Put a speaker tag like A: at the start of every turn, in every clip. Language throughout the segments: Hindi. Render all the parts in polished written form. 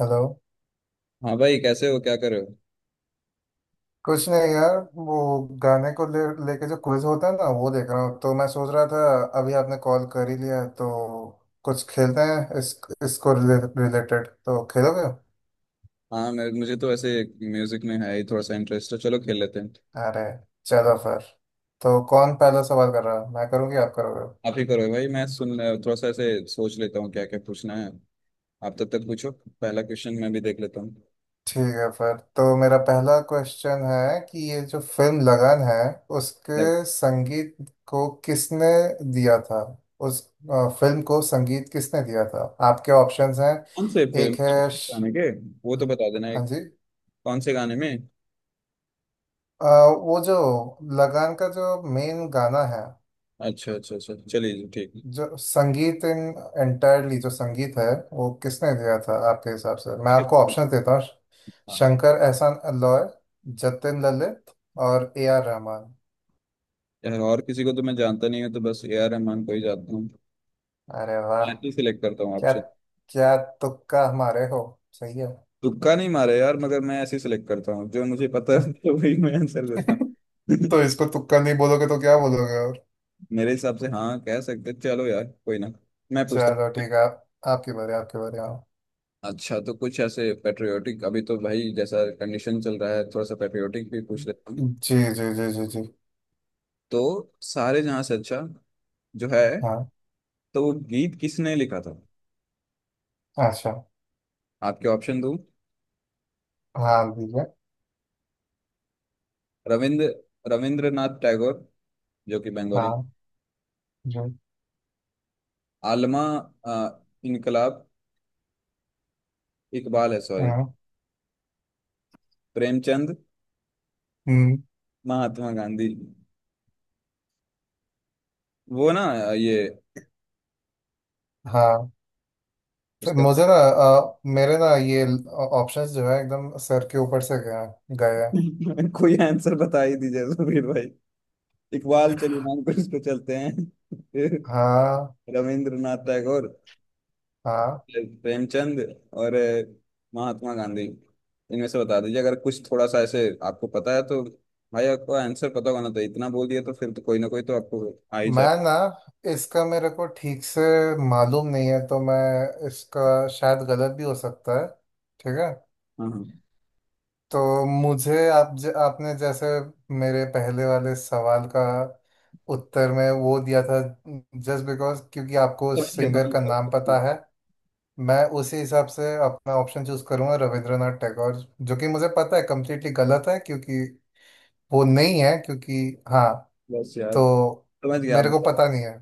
A: हेलो।
B: हाँ भाई, कैसे हो? क्या कर रहे हो?
A: कुछ नहीं यार। वो गाने को ले लेके जो क्विज होता है ना वो देख रहा हूँ, तो मैं सोच रहा था, अभी आपने कॉल कर ही लिया है, तो कुछ खेलते हैं। इस इसको रिलेटेड तो खेलोगे?
B: हाँ, मैं मुझे तो ऐसे म्यूजिक में है ही, थोड़ा सा इंटरेस्ट है। चलो खेल लेते हैं।
A: अरे चलो फिर। तो कौन पहला सवाल कर रहा है, मैं करूँगी आप करोगे?
B: आप ही करो भाई, मैं सुन, थोड़ा सा ऐसे सोच लेता हूँ क्या क्या पूछना है। आप तब तक पूछो, पहला क्वेश्चन मैं भी देख लेता हूँ।
A: ठीक है फिर। तो मेरा पहला क्वेश्चन है कि ये जो फिल्म लगन है उसके
B: लाइक
A: संगीत को किसने दिया था? उस फिल्म को संगीत किसने दिया था? आपके ऑप्शंस हैं।
B: कौन से फिल्म
A: एक है श...
B: गाने के, वो तो बता देना
A: हाँ
B: एक,
A: जी।
B: कौन से गाने में।
A: अ, वो जो लगान का जो मेन गाना है,
B: अच्छा अच्छा अच्छा, चलिए जी, ठीक
A: जो संगीत इन एंटायरली जो संगीत है वो किसने दिया था आपके हिसाब से, मैं
B: ठीक
A: आपको
B: है।
A: ऑप्शन देता हूँ।
B: हाँ
A: शंकर एहसान अल्लॉय, जतिन ललित, और ए आर रहमान।
B: यार, और किसी को तो मैं जानता नहीं हूँ, तो बस ए आर रहमान को ही जानता हूँ।
A: अरे वाह!
B: मैं ऐसे सिलेक्ट करता हूँ
A: क्या
B: ऑप्शन।
A: क्या तुक्का हमारे हो। सही है।
B: तुक्का नहीं मारा यार, मगर मैं ऐसे सिलेक्ट करता हूँ जो मुझे पता है तो वही मैं आंसर देता हूँ
A: तो इसको तुक्का नहीं बोलोगे तो क्या बोलोगे और।
B: मेरे हिसाब से हाँ, कह सकते। चलो यार, कोई ना, मैं पूछता
A: चलो
B: हूँ।
A: ठीक है। आपकी बारी, आपकी बारी। हाँ
B: अच्छा, तो कुछ ऐसे पेट्रियोटिक, अभी तो भाई जैसा कंडीशन चल रहा है, थोड़ा सा पेट्रियोटिक भी पूछ लेता हूँ।
A: जी जी जी जी जी।
B: तो सारे जहाँ से अच्छा जो है,
A: हाँ,
B: तो वो गीत किसने लिखा था?
A: अच्छा।
B: आपके ऑप्शन दूँ।
A: हाँ, दीजिए।
B: रविंद्र रविंद्रनाथ टैगोर जो कि बंगाली
A: हाँ जी।
B: आलमा, अ, इनकलाब, इकबाल है सॉरी,
A: हाँ।
B: प्रेमचंद,
A: हम्म,
B: महात्मा गांधी। वो ना, ये
A: हाँ। तो
B: उसका
A: मुझे ना, मेरे ना ये ऑप्शंस जो है एकदम सर के ऊपर से गए हैं।
B: कोई आंसर बता ही दीजिए सुबीर भाई। इकबाल चलो, नाम को इसको चलते हैं फिर।
A: हाँ
B: रविंद्रनाथ टैगोर,
A: हाँ।
B: फिर प्रेमचंद, और महात्मा गांधी। इनमें से बता दीजिए, अगर कुछ थोड़ा सा ऐसे आपको पता है तो। भाई आपको आंसर पता होना चाहिए, इतना बोल दिया तो फिर तो कोई ना कोई तो आपको आ ही
A: मैं
B: जाए।
A: ना इसका मेरे को ठीक से मालूम नहीं है, तो मैं इसका शायद गलत भी हो सकता है। ठीक है।
B: हाँ हाँ,
A: तो मुझे आप, आपने जैसे मेरे पहले वाले सवाल का उत्तर में वो दिया था जस्ट बिकॉज क्योंकि आपको
B: सब
A: उस
B: ठीक है,
A: सिंगर का
B: सब
A: नाम
B: ठीक है।
A: पता है, मैं उसी हिसाब से अपना ऑप्शन चूज करूंगा। रविंद्रनाथ टैगोर, जो कि मुझे पता है कम्प्लीटली गलत है, क्योंकि वो नहीं है क्योंकि हाँ।
B: बस यार,
A: तो
B: समझ गया
A: मेरे को
B: आप,
A: पता नहीं है।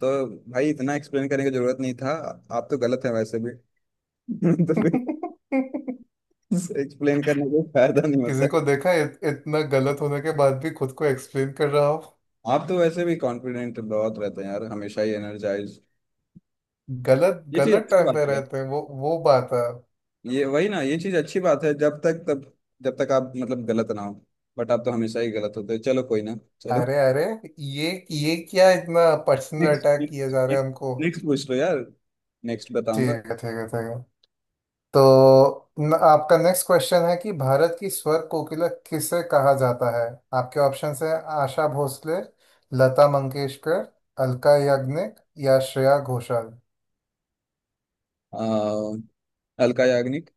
B: तो भाई इतना एक्सप्लेन करने की जरूरत नहीं था। आप तो गलत है वैसे भी तो फिर एक्सप्लेन करने का फायदा नहीं होता।
A: किसी को देखा है, इतना गलत होने के बाद भी खुद को एक्सप्लेन कर रहा हो।
B: आप तो वैसे भी कॉन्फिडेंट बहुत रहते हैं यार, हमेशा ही एनर्जाइज।
A: गलत
B: ये चीज
A: गलत
B: अच्छी
A: टाइम
B: बात
A: पे
B: है।
A: रहते हैं, वो बात है।
B: ये वही ना, ये चीज अच्छी बात है जब तक, तब जब तक आप मतलब गलत ना हो। बट आप तो हमेशा ही गलत होते हो, चलो कोई ना, चलो।
A: अरे अरे, ये क्या इतना पर्सनल
B: नेक्स्ट
A: अटैक किए जा रहे हैं
B: नेक्स्ट
A: हमको।
B: नेक्स्ट पूछ लो यार, नेक्स्ट
A: ठीक
B: बताऊंगा।
A: है ठीक है ठीक है। तो न, आपका नेक्स्ट क्वेश्चन है कि भारत की स्वर कोकिला किसे कहा जाता है? आपके ऑप्शंस हैं। आशा भोसले, लता मंगेशकर, अलका याग्निक, या श्रेया घोषाल।
B: आ, अलका याग्निक।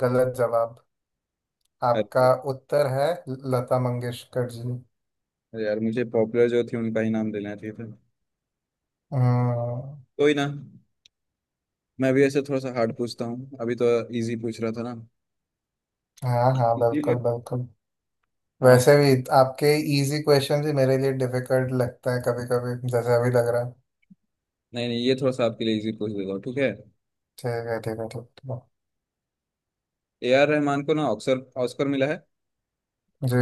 A: गलत जवाब। आपका
B: अरे,
A: उत्तर है लता मंगेशकर जी।
B: अरे यार, मुझे पॉपुलर जो थी उनका ही नाम लेना चाहिए था।
A: हम्म।
B: कोई ना, मैं भी ऐसे थोड़ा सा हार्ड पूछता हूँ अभी तो, इजी पूछ रहा था ना।
A: हाँ हाँ,
B: इजी,
A: बिल्कुल बिल्कुल।
B: हाँ।
A: वैसे भी आपके इजी क्वेश्चन ही मेरे लिए डिफिकल्ट लगता है, कभी कभी जैसे अभी लग रहा है।
B: नहीं नहीं, ये थोड़ा सा आपके लिए इजी पूछ देता हूँ, ठीक है।
A: ठीक है ठीक है, ठीक ठीक है।
B: ए आर रहमान को ना ऑक्सर, ऑस्कर मिला है,
A: जी।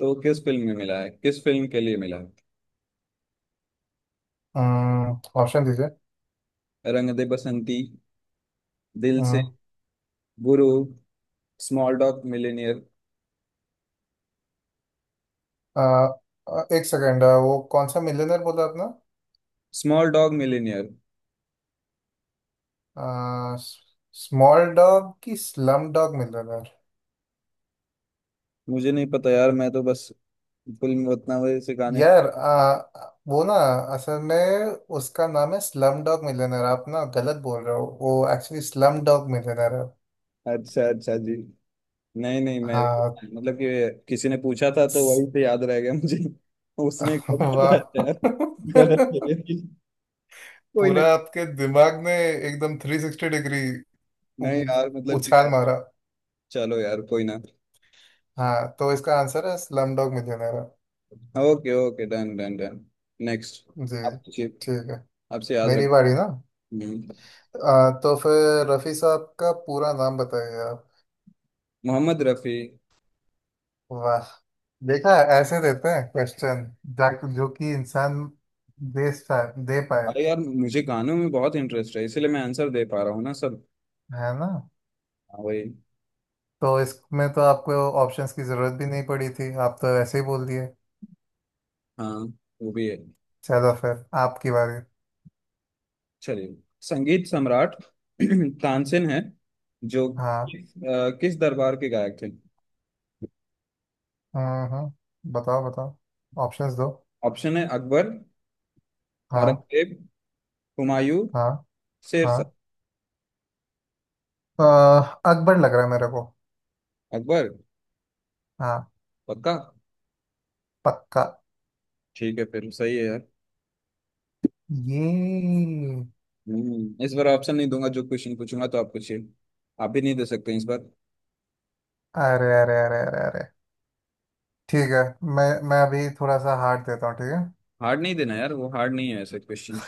B: तो किस फिल्म में मिला है, किस फिल्म के लिए मिला है?
A: हम्म, ऑप्शन दीजिए।
B: रंग दे बसंती, दिल से,
A: हम्म,
B: गुरु, स्मॉल डॉग मिलेनियर।
A: अ, एक सेकेंड, वो कौन सा मिलियनर बोला आपने?
B: Small dog millionaire.
A: Ah, small dog की स्लम डॉग मिलियनर?
B: मुझे नहीं पता यार, मैं तो बस फुल में उतना वजह से गाने का।
A: यार वो ना, असल में उसका नाम है स्लम डॉग मिलियनर। आप ना गलत बोल रहे हो, वो एक्चुअली स्लम डॉग मिलियनर है।
B: अच्छा अच्छा जी, नहीं नहीं मैं,
A: हाँ।
B: मतलब कि किसी ने पूछा था तो वही से याद रह गया मुझे उसने कहा था
A: वाह।
B: यार, गलत है। कोई ना।
A: पूरा आपके दिमाग ने एकदम 360 डिग्री उ-
B: नहीं यार, मतलब कि
A: उछाल
B: यार,
A: मारा।
B: चलो यार कोई ना।
A: हाँ तो इसका आंसर है slumdog millionaire.
B: Okay okay, done done done. Next
A: जी
B: आप पूछिए,
A: ठीक है।
B: आपसे याद
A: मेरी
B: रख।
A: बारी ना।
B: हम्म।
A: आ, तो फिर रफी साहब का पूरा नाम बताइए आप।
B: मोहम्मद रफी।
A: वाह, देखा ऐसे देते हैं क्वेश्चन जो कि इंसान दे सा- दे पाए।
B: अरे यार, मुझे गानों में बहुत इंटरेस्ट है, इसीलिए मैं आंसर दे पा रहा हूँ ना सर।
A: है ना?
B: हाँ वही।
A: तो इसमें तो आपको ऑप्शंस की जरूरत भी नहीं पड़ी थी, आप तो ऐसे ही बोल दिए।
B: हाँ, वो भी है।
A: चलो फिर आपकी बारी।
B: चलिए, संगीत सम्राट तानसेन है जो,
A: हाँ
B: किस किस दरबार के गायक थे?
A: हाँ हाँ, बताओ बताओ, ऑप्शंस दो।
B: ऑप्शन है अकबर,
A: हाँ
B: औरंगजेब, हुमायूं,
A: हाँ हाँ।
B: शेरशाह।
A: अह, अकबर लग रहा है मेरे को।
B: अकबर
A: हाँ,
B: पक्का?
A: पक्का।
B: ठीक है फिर, सही है यार।
A: ये
B: हम्म, इस बार ऑप्शन नहीं दूंगा जो क्वेश्चन पूछूंगा, तो आप पूछिए, आप भी नहीं दे सकते इस बार।
A: अरे अरे अरे अरे अरे, ठीक है। मैं अभी थोड़ा सा हार्ड देता हूँ। ठीक
B: हार्ड नहीं देना यार, वो हार्ड नहीं है ऐसे क्वेश्चन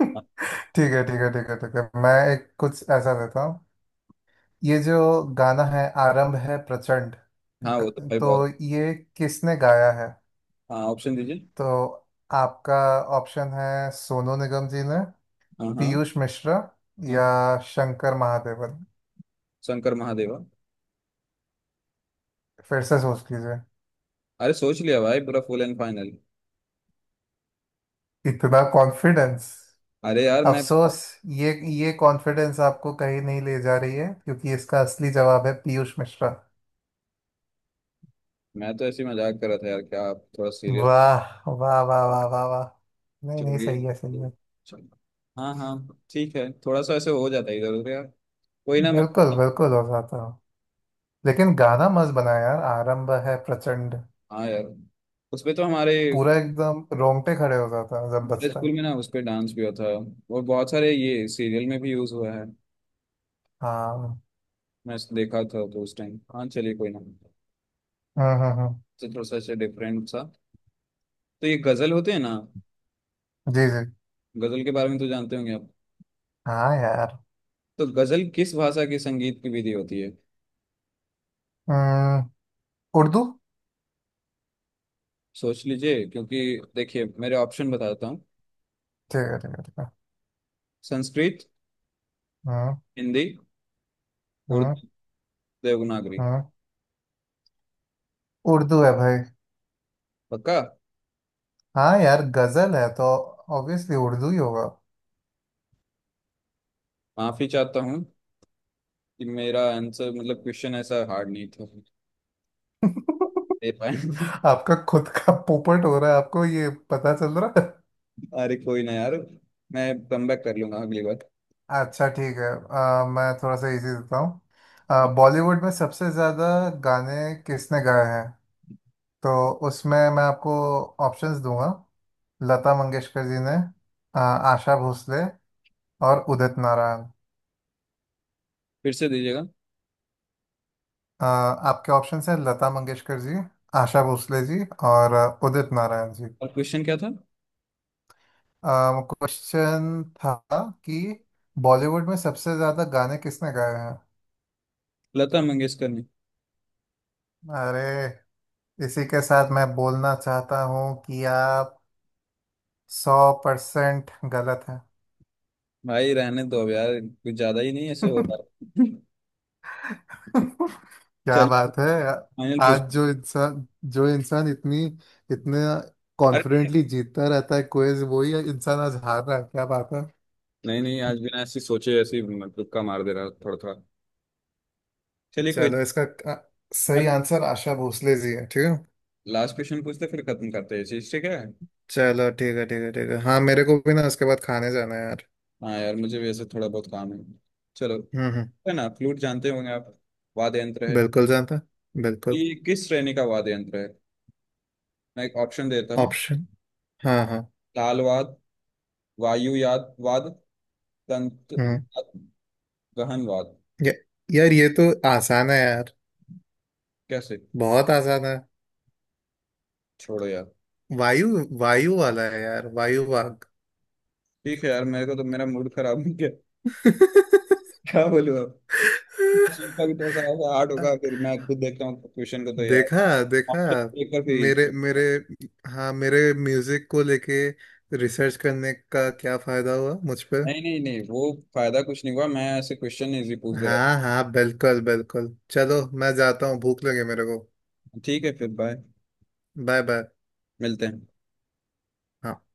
A: है। ठीक है ठीक है ठीक है ठीक है, मैं एक कुछ ऐसा देता हूँ। ये जो गाना है आरंभ है प्रचंड,
B: हाँ वो तो भाई
A: तो
B: बहुत,
A: ये किसने गाया है?
B: हाँ ऑप्शन दीजिए।
A: तो आपका ऑप्शन है सोनू निगम जी ने,
B: हाँ, हाँ,
A: पीयूष मिश्रा,
B: हाँ,
A: या शंकर महादेवन।
B: शंकर महादेवा।
A: फिर से सोच लीजिए।
B: अरे सोच लिया भाई, पूरा फुल एंड फाइनल।
A: इतना कॉन्फिडेंस!
B: अरे यार मैं
A: अफसोस, ये ये कॉन्फिडेंस आपको कहीं नहीं ले जा रही है, क्योंकि इसका असली जवाब है पीयूष मिश्रा।
B: मैं तो ऐसे ही मजाक कर रहा था यार, क्या आप थोड़ा सीरियस।
A: वाह वाह वाह वाह वाह वाह। नहीं नहीं,
B: चलिए,
A: सही है सही है।
B: चलो। हाँ हाँ, ठीक है, थोड़ा सा ऐसे हो जाता है इधर उधर यार। कोई ना मैं,
A: बिल्कुल बिल्कुल हो जाता हूँ। लेकिन गाना मस्त बनाया यार, आरंभ है प्रचंड।
B: हाँ यार, उस पे तो हमारे,
A: पूरा एकदम रोंगटे खड़े हो जाता है जब
B: हमारे
A: बजता
B: स्कूल
A: है।
B: में ना उस पे डांस भी होता है, और बहुत सारे ये सीरियल में भी यूज हुआ है।
A: हाँ।
B: मैं इस- देखा था तो उस टाइम, हाँ चलिए कोई ना।
A: हम्म।
B: तो थोड़ा सा ऐसे डिफरेंट सा, तो ये गजल होते हैं ना,
A: जी जी।
B: गजल के बारे में तो जानते होंगे आप।
A: हाँ यार।
B: तो गजल किस भाषा की संगीत की विधि होती है?
A: हम्म, उर्दू।
B: सोच लीजिए क्योंकि, देखिए मेरे ऑप्शन बताता हूँ।
A: ठीक है ठीक है ठीक है।
B: संस्कृत,
A: हाँ
B: हिंदी,
A: हाँ।
B: उर्दू, देवनागरी।
A: हाँ, उर्दू है भाई।
B: पक्का?
A: हाँ यार, गजल है तो ऑब्वियसली उर्दू ही होगा।
B: माफी चाहता हूँ कि मेरा आंसर, मतलब क्वेश्चन ऐसा हार्ड नहीं था दे पाए
A: आपका खुद का पोपट हो रहा है, आपको ये पता चल रहा है।
B: अरे कोई ना यार, मैं कम बैक कर लूंगा अगली बार।
A: अच्छा ठीक है। मैं थोड़ा सा इजी देता हूँ। बॉलीवुड में सबसे ज़्यादा गाने किसने गाए हैं? तो उसमें मैं आपको ऑप्शंस दूंगा। लता मंगेशकर जी ने, आशा भोसले, और उदित नारायण।
B: फिर से दीजिएगा,
A: आपके ऑप्शंस हैं लता मंगेशकर जी, आशा भोसले जी, और उदित नारायण जी।
B: और क्वेश्चन क्या था?
A: क्वेश्चन था कि बॉलीवुड में सबसे ज्यादा गाने किसने गाए हैं।
B: लता मंगेशकर ने।
A: अरे इसी के साथ मैं बोलना चाहता हूँ कि आप 100% गलत हैं।
B: भाई रहने दो अब यार, कुछ ज्यादा ही नहीं ऐसे हो रहा है
A: क्या
B: चलिए
A: बात है।
B: फाइनल पूछ।
A: आज जो इंसान, जो इंसान इतनी इतने
B: अरे
A: कॉन्फिडेंटली जीतता रहता है क्विज, वही इंसान आज हार रहा है। क्या बात है।
B: नहीं नहीं, आज बिना ऐसी सोचे ऐसी मतलब का मार दे रहा, थोड़ा थोड़ा चलिए कोई ना।
A: चलो इसका सही
B: मैं
A: आंसर आशा भोसले जी है, ठीक है।
B: लास्ट क्वेश्चन पूछते फिर खत्म करते हैं, ये चीज ठीक है।
A: चलो ठीक है ठीक है ठीक है। हाँ, मेरे को भी ना उसके बाद खाने जाना है यार।
B: हाँ यार, मुझे वैसे थोड़ा बहुत काम है, चलो।
A: हम्म।
B: है ना, फ्लूट जानते होंगे आप, वाद्य यंत्र है।
A: बिल्कुल जानता,
B: तो
A: बिल्कुल।
B: ये किस श्रेणी का वाद्य यंत्र है? मैं एक ऑप्शन देता हूँ।
A: ऑप्शन, हाँ हाँ।
B: ताल वाद, वायु याद वाद, तंत्र,
A: हम्म,
B: गहन वाद।
A: ये- यार ये तो आसान है यार।
B: कैसे?
A: बहुत आसान है।
B: छोड़ो यार।
A: वायु वायु वाला है यार, वायु वाग।
B: ठीक है यार, मेरे को तो मेरा मूड खराब हो गया, क्या बोलूँ अब। सुनता भी थोड़ा सा हार्ड होगा, फिर मैं खुद देखता हूँ क्वेश्चन को तो यार,
A: देखा देखा।
B: ऑप्शन देखकर फिर
A: मेरे
B: easy।
A: मेरे हाँ, मेरे म्यूजिक को लेके रिसर्च करने का क्या फायदा हुआ मुझ पे।
B: नहीं नहीं नहीं, वो फायदा कुछ नहीं हुआ, मैं ऐसे क्वेश्चन इजी पूछ दे रहा था।
A: हाँ हाँ, बिल्कुल बिल्कुल। चलो मैं जाता हूँ, भूख लगे मेरे को।
B: ठीक है फिर, बाय।
A: Bye bye.
B: मिलते हैं।
A: हाँ।